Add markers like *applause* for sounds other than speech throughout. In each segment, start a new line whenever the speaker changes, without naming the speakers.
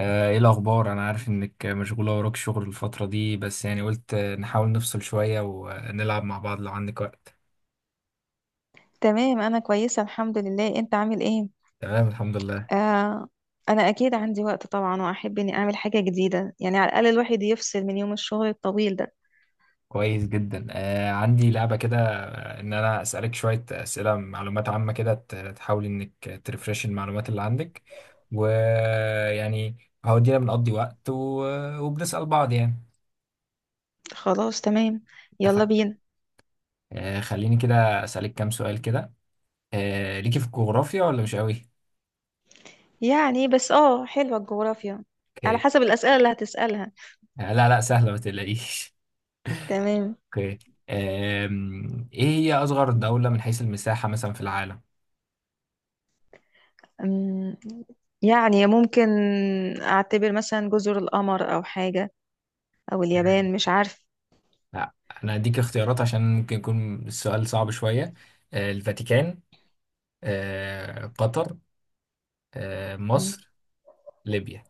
ايه الاخبار؟ انا عارف انك مشغوله وراك شغل الفتره دي، بس يعني قلت نحاول نفصل شويه ونلعب مع بعض لو عندك وقت.
تمام، انا كويسه الحمد لله. انت عامل ايه؟
تمام الحمد لله.
آه. انا اكيد عندي وقت طبعا، واحب اني اعمل حاجه جديده، يعني على الاقل الواحد يفصل من يوم الشغل الطويل ده.
كويس جدا، آه عندي لعبه كده، ان انا اسالك شويه اسئله معلومات عامه كده، تحاول انك ترفرش المعلومات اللي عندك ويعني هودينا بنقضي وقت وبنسال بعض يعني.
خلاص تمام. يلا
اتفقنا.
بينا.
آه خليني كده اسالك كام سؤال كده. آه ليكي في الجغرافيا ولا مش قوي؟
يعني بس حلوه الجغرافيا، على
اوكي.
حسب الاسئله اللي هتسالها.
لا لا سهله ما تقلقيش.
تمام.
اوكي. ايه هي اصغر دولة من حيث المساحة مثلا في العالم؟
أم، يعني ممكن اعتبر مثلا جزر القمر او حاجه، او اليابان، مش عارف.
لا انا اديك اختيارات عشان ممكن يكون السؤال صعب شوية. الفاتيكان. قطر.
مم.
مصر. ليبيا.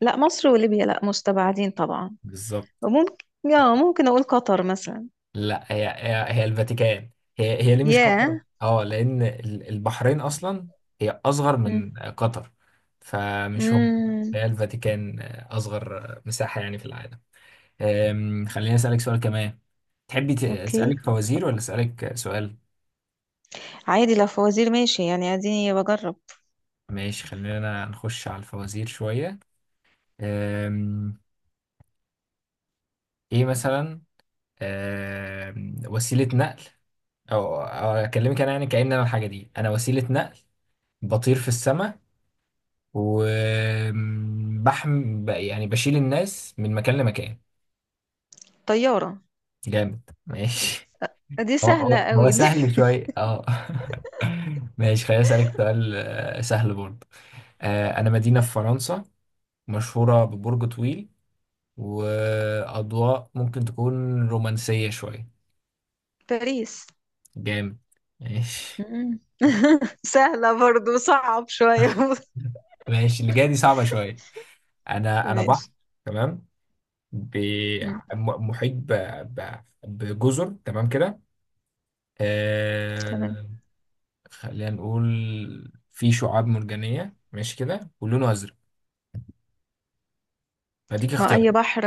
لا مصر وليبيا لا، مستبعدين طبعا.
بالظبط.
وممكن، اه ممكن اقول قطر مثلا.
لا، هي الفاتيكان. هي ليه مش قطر؟
ياه.
اه لان البحرين اصلا هي اصغر
أمم.
من قطر، فمش هم.
امم.
هي الفاتيكان، اصغر مساحة يعني في العالم. خليني اسالك سؤال كمان. تحبي أسألك
اوكي.
فوازير ولا أسألك سؤال؟
عادي، لو فوازير ماشي، يعني اديني بجرب.
ماشي خلينا نخش على الفوازير شوية. أم، إيه مثلا؟ وسيلة نقل، أو أكلمك أنا يعني كأن أنا الحاجة دي. أنا وسيلة نقل، بطير في السماء، وبحم يعني بشيل الناس من مكان لمكان.
طيارة.
جامد ماشي.
دي
هو
سهلة
هو هو
قوي دي.
سهل شوية اه. *laughs* ماشي خليني أسألك سؤال سهل برضه. أنا مدينة في فرنسا، مشهورة ببرج طويل، وأضواء ممكن تكون رومانسية شوية.
*laughs* باريس.
جامد ماشي.
مم. سهلة برضو، صعب شوية.
*laughs* ماشي اللي جاية دي صعبة شوية.
*laughs*
أنا بحر.
ماشي.
تمام. ب-
مم.
محيط بجزر تمام كده.
تمام.
آه... خلينا نقول في شعاب مرجانية ماشي كده ولونه أزرق، فديك
ما
اختيار.
أي بحر؟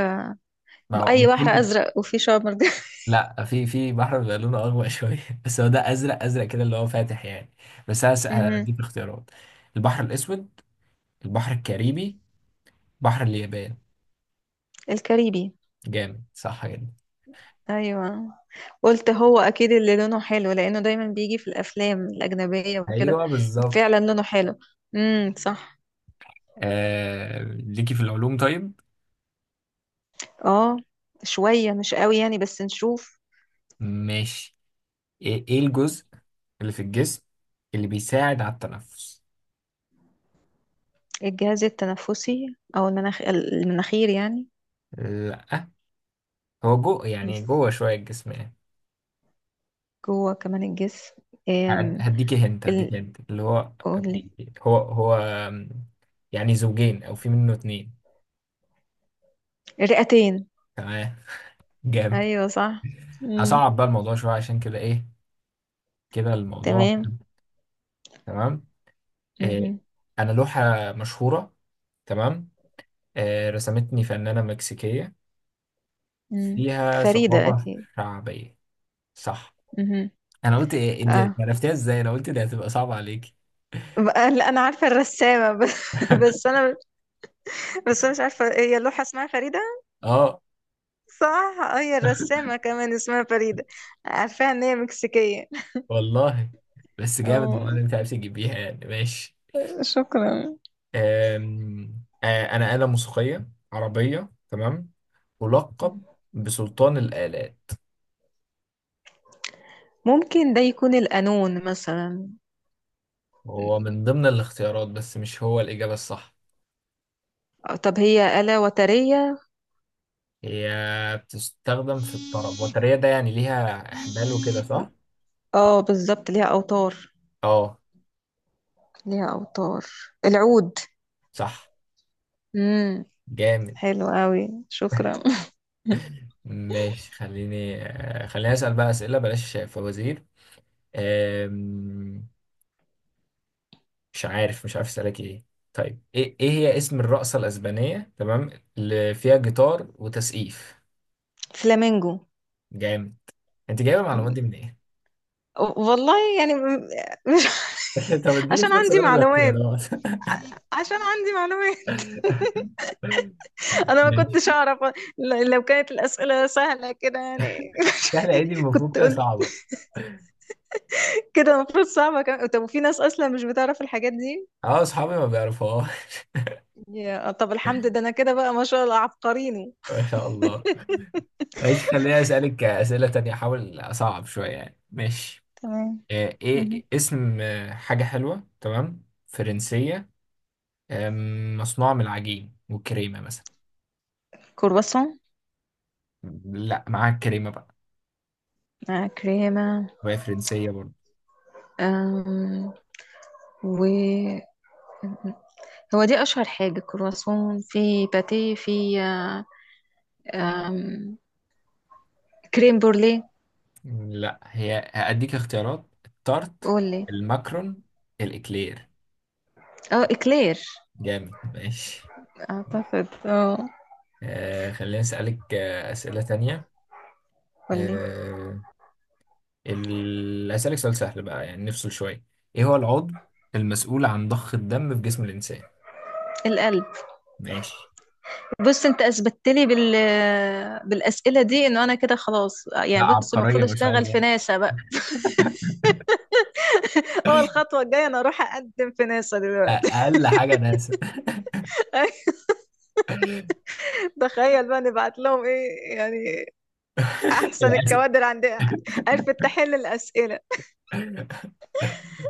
ما هو من
أي بحر
كل.
أزرق وفيه شعاب مرجانية؟ *laughs*
لا، في بحر بيبقى لونه أغوى *laughs* شوية، بس هو ده أزرق أزرق كده اللي هو فاتح يعني. بس أنا
مهم.
هديك اختيارات. البحر الأسود. البحر الكاريبي. بحر اليابان.
الكاريبي.
جامد صح جدا.
أيوة. قلت هو أكيد اللي لونه حلو، لأنه دايما بيجي في الأفلام الأجنبية وكده.
ايوه بالظبط.
فعلا لونه حلو. امم، صح.
ليكي في العلوم طيب؟
اه. شوية مش قوي يعني، بس نشوف.
ماشي. إيه الجزء اللي في الجسم اللي بيساعد على التنفس؟
الجهاز التنفسي او المناخير يعني.
لا، هو جو يعني
بس
جوه شوية الجسم يعني.
جوه كمان الجسم.
هد-
أم،
هديكي هنت
ال...
هديكي هنت اللي هو
قولي.
بي... هو هو آم، يعني زوجين او في منه اتنين.
الرئتين.
تمام جامد.
ايوه صح. مم.
هصعب بقى الموضوع شوية عشان كده، ايه كده الموضوع.
تمام.
تمام. آه،
مهم.
انا لوحة مشهورة، تمام، رسمتني فنانة مكسيكية،
مم.
فيها
فريدة
ثقافة
اكيد.
شعبية. صح.
مهم.
انا قلت ايه انت
اه.
عرفتيها ازاي؟ انا قلت دي هتبقى صعبة عليك.
لا، انا عارفة الرسامة. *laughs* بس
*laughs*
بس انا، بس انا مش عارفة هي اللوحة اسمها فريدة.
اه
صح. هي الرسامة كمان اسمها فريدة. عارفاها ان هي مكسيكية.
والله، بس جامد والله
اه.
اللي انت عرفت تجيبيها يعني ماشي.
شكرا.
آم، آه، انا آلة موسيقية عربية، تمام، ملقب بسلطان الآلات.
ممكن ده يكون القانون مثلا.
هو من ضمن الاختيارات بس مش هو الإجابة الصح.
طب هي آلة وترية؟
هي بتستخدم في الطرب، وترية ده يعني ليها إحمال وكده صح؟
اه بالظبط، ليها أوتار.
اه
ليها أوتار. العود.
صح
امم.
جامد.
حلو قوي، شكرا. *laughs*
ماشي خليني خليني أسأل بقى أسئلة بلاش فوازير. آم، مش عارف أسألك إيه. طيب إيه هي اسم الرقصة الأسبانية، تمام، اللي فيها جيتار وتسقيف؟
فلامينجو.
جامد. أنت جايبة المعلومات
مم.
دي من إيه؟
والله يعني مش.
*laughs* طب
*laughs*
اديني
عشان
فرصة
عندي
أقول
معلومات.
الاختيارات.
عشان عندي معلومات. *laughs*
*laughs*
انا ما
ماشي.
كنتش اعرف. لو كانت الاسئله سهله كده يعني.
سهلة إيه دي؟
*laughs*
المفروض
كنت
كده
قلت
صعبة.
كده المفروض صعبه كمان. طب، وفي ناس اصلا مش بتعرف الحاجات دي.
أه أصحابي ما بيعرفوها. *laughs*
يا طب الحمد، ده انا كده بقى ما شاء الله عبقريني.
ما شاء الله. ماشي خليني اسالك اسئله تانية، احاول اصعب شويه يعني، ماشي.
تمام. مهم.
ايه اسم حاجه حلوه تمام فرنسيه، مصنوعه من العجين والكريمه مثلا؟
كرواسون.
لا معاها الكريمه بقى،
مع كريمة.
وهي فرنسيه برضه.
آم، و هو دي أشهر حاجة، كرواسون، في باتيه، في آه، آم، كريم بورليه.
لا، هي هاديك اختيارات. التارت.
قولي.
الماكرون. الاكلير.
اه، إكلير.
جامد ماشي.
أعتقد، اه.
خليني اسالك اسئله تانية.
قولي.
آه هسألك سؤال سهل بقى يعني نفصل شوية. ايه هو العضو المسؤول عن ضخ الدم في جسم الإنسان؟
القلب.
ماشي.
بص انت اثبتت لي بالاسئله دي انه انا كده خلاص،
لا،
يعني بص
عبقرية
المفروض
ما شاء
اشتغل
الله.
في ناسا بقى. *laughs* اه،
*laughs*
الخطوه الجايه انا اروح اقدم في ناسا دلوقتي.
أقل حاجة ناسا.
*laughs* تخيل بقى نبعت لهم ايه يعني،
*laughs*
احسن
للأسف.
الكوادر عندها، عرفت تحل الاسئله.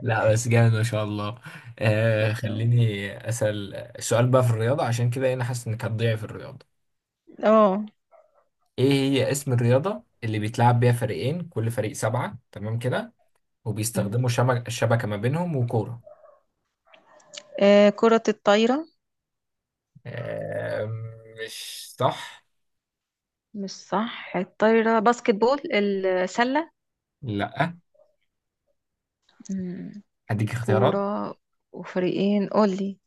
لا بس جامد ما شاء الله. آه
شكرا.
خليني أسأل السؤال بقى في الرياضة، عشان كده أنا حاسس إنك هتضيع في الرياضة.
اه.
إيه هي اسم الرياضة اللي بيتلعب بيها فريقين، كل فريق سبعة، تمام كده،
مم.
وبيستخدموا شبكة ما بينهم وكورة؟
كرة الطايرة.
آه مش صح.
مش صح الطايرة، باسكت بول، السلة.
لا،
مم.
أديك اختيارات.
كورة وفريقين، قولي.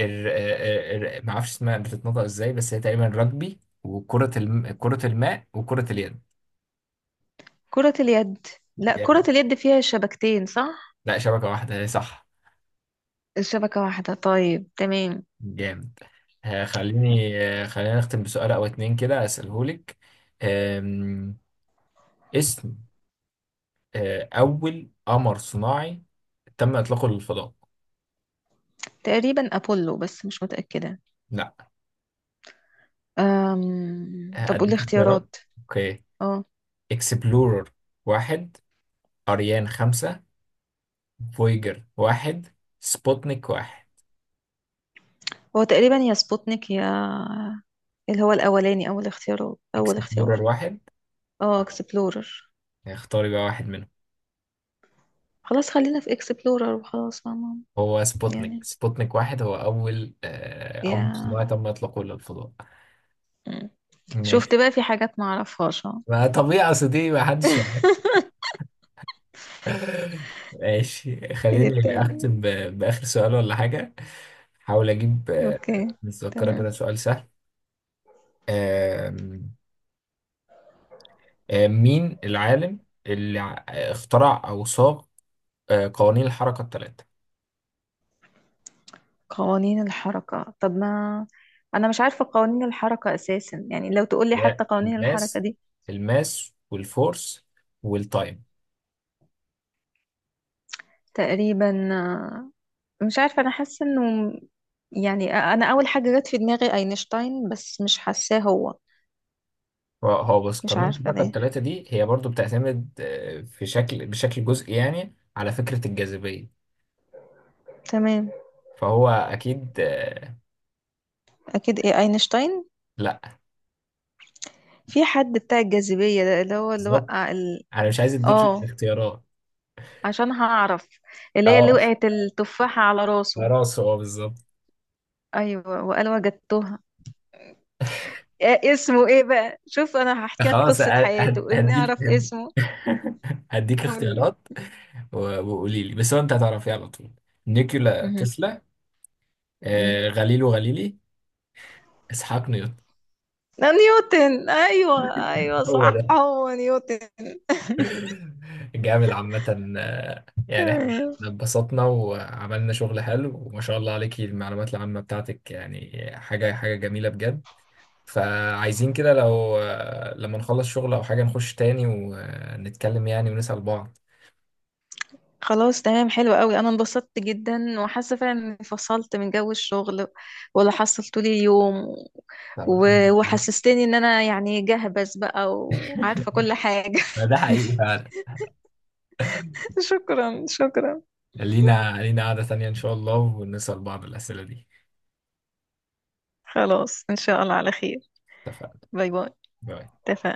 ما اعرفش اسمها بتتنطق ازاي، بس هي تقريبا رجبي وكرة الم... كرة الماء وكرة اليد.
كرة اليد. لا كرة
جامد.
اليد فيها شبكتين، صح؟
لا، شبكة واحدة هي، صح.
الشبكة واحدة، طيب تمام.
جامد. خليني خلينا نختم بسؤال او اتنين كده اسألهولك. آم، اسم اول قمر صناعي تم اطلاقه للفضاء.
تقريبا أبولو، بس مش متأكدة.
لا،
طب قولي
هديك اختيارات.
اختيارات.
اوكي.
اه.
اكسبلورر 1. اريان 5. فويجر 1. سبوتنيك 1.
هو تقريبا يا سبوتنيك يا اللي هو الأولاني، أول اختيار، أول
اكسبلورر
اختيار.
واحد
اه، اكسبلورر.
اختاري بقى واحد منهم.
خلاص، خلينا في اكسبلورر وخلاص، فاهمة.
هو
يعني،
سبوتنيك 1 هو أول قمر
يا.
صناعي تم إطلاقه للفضاء.
مم.
ماشي.
شفت بقى في حاجات ما اعرفهاش، اه.
ما طبيعي، أصل دي ما حدش
*laughs*
يعرف. *laughs* ماشي
ايه
خليني
التاني؟
أختم بآخر سؤال ولا حاجة. حاول أجيب
اوكي.
متذكرة
تمام.
كده سؤال سهل. آم، آم، مين العالم اللي اخترع أو صاغ قوانين الحركة الثلاثة؟
قوانين الحركة؟ طب ما انا مش عارفة قوانين الحركة اساسا، يعني لو تقولي
اللي هي
حتى قوانين الحركة
الماس،
دي.
والفورس والتايم.
تقريبا. مش عارفة، انا حاسة انه يعني انا اول حاجة جت في دماغي اينشتاين، بس مش حاساه هو.
هو بص،
مش
قانون
عارفة
الطبقة
ليه.
الثلاثة دي هي برضو بتعتمد في شكل بشكل جزئي يعني على فكرة الجاذبية،
تمام.
فهو أكيد
اكيد، ايه اينشتاين؟
لأ.
في حد بتاع الجاذبية ده، اللي هو اللي
بالظبط.
وقع.
أنا مش عايز أديكي
اه،
اختيارات.
عشان هعرف. اللي هي اللي
أه
وقعت التفاحة على راسه.
خلاص هو بالظبط.
ايوه، وقال وجدتها. إيه اسمه، ايه بقى، شوف انا هحكي لك
خلاص
قصة حياته اني
هديك.
اعرف
*laughs*
اسمه.
هديك
قولي.
اختيارات وقولي لي، بس هو أنت هتعرفيه على طول. نيكولا
مهم.
تسلا.
مم.
غاليلو غاليلي. إسحاق نيوتن.
ده نيوتن، ايوه ايوه،
*laughs* هو.
صح هو نيوتن.
*laughs* جامد عامة. يعني
تمام.
إحنا اتبسطنا وعملنا شغل حلو، وما شاء الله عليكي المعلومات العامة بتاعتك، يعني حاجة حاجة جميلة بجد. فعايزين كده لو لما نخلص شغل أو حاجة نخش تاني ونتكلم يعني ونسأل بعض.
خلاص تمام، حلو قوي، انا انبسطت جدا وحاسه فعلا اني فصلت من جو الشغل ولا حصلت لي اليوم.
طب الحمد لله.
وحسستني ان انا يعني جهبذ بقى وعارفه كل حاجه.
ما ده حقيقي فعلا.
*laughs* شكرا شكرا.
لينا قعدة تانية إن شاء الله ونسأل بعض الأسئلة دي.
خلاص ان شاء الله على خير.
اتفقنا.
باي باي.
باي.
اتفقنا.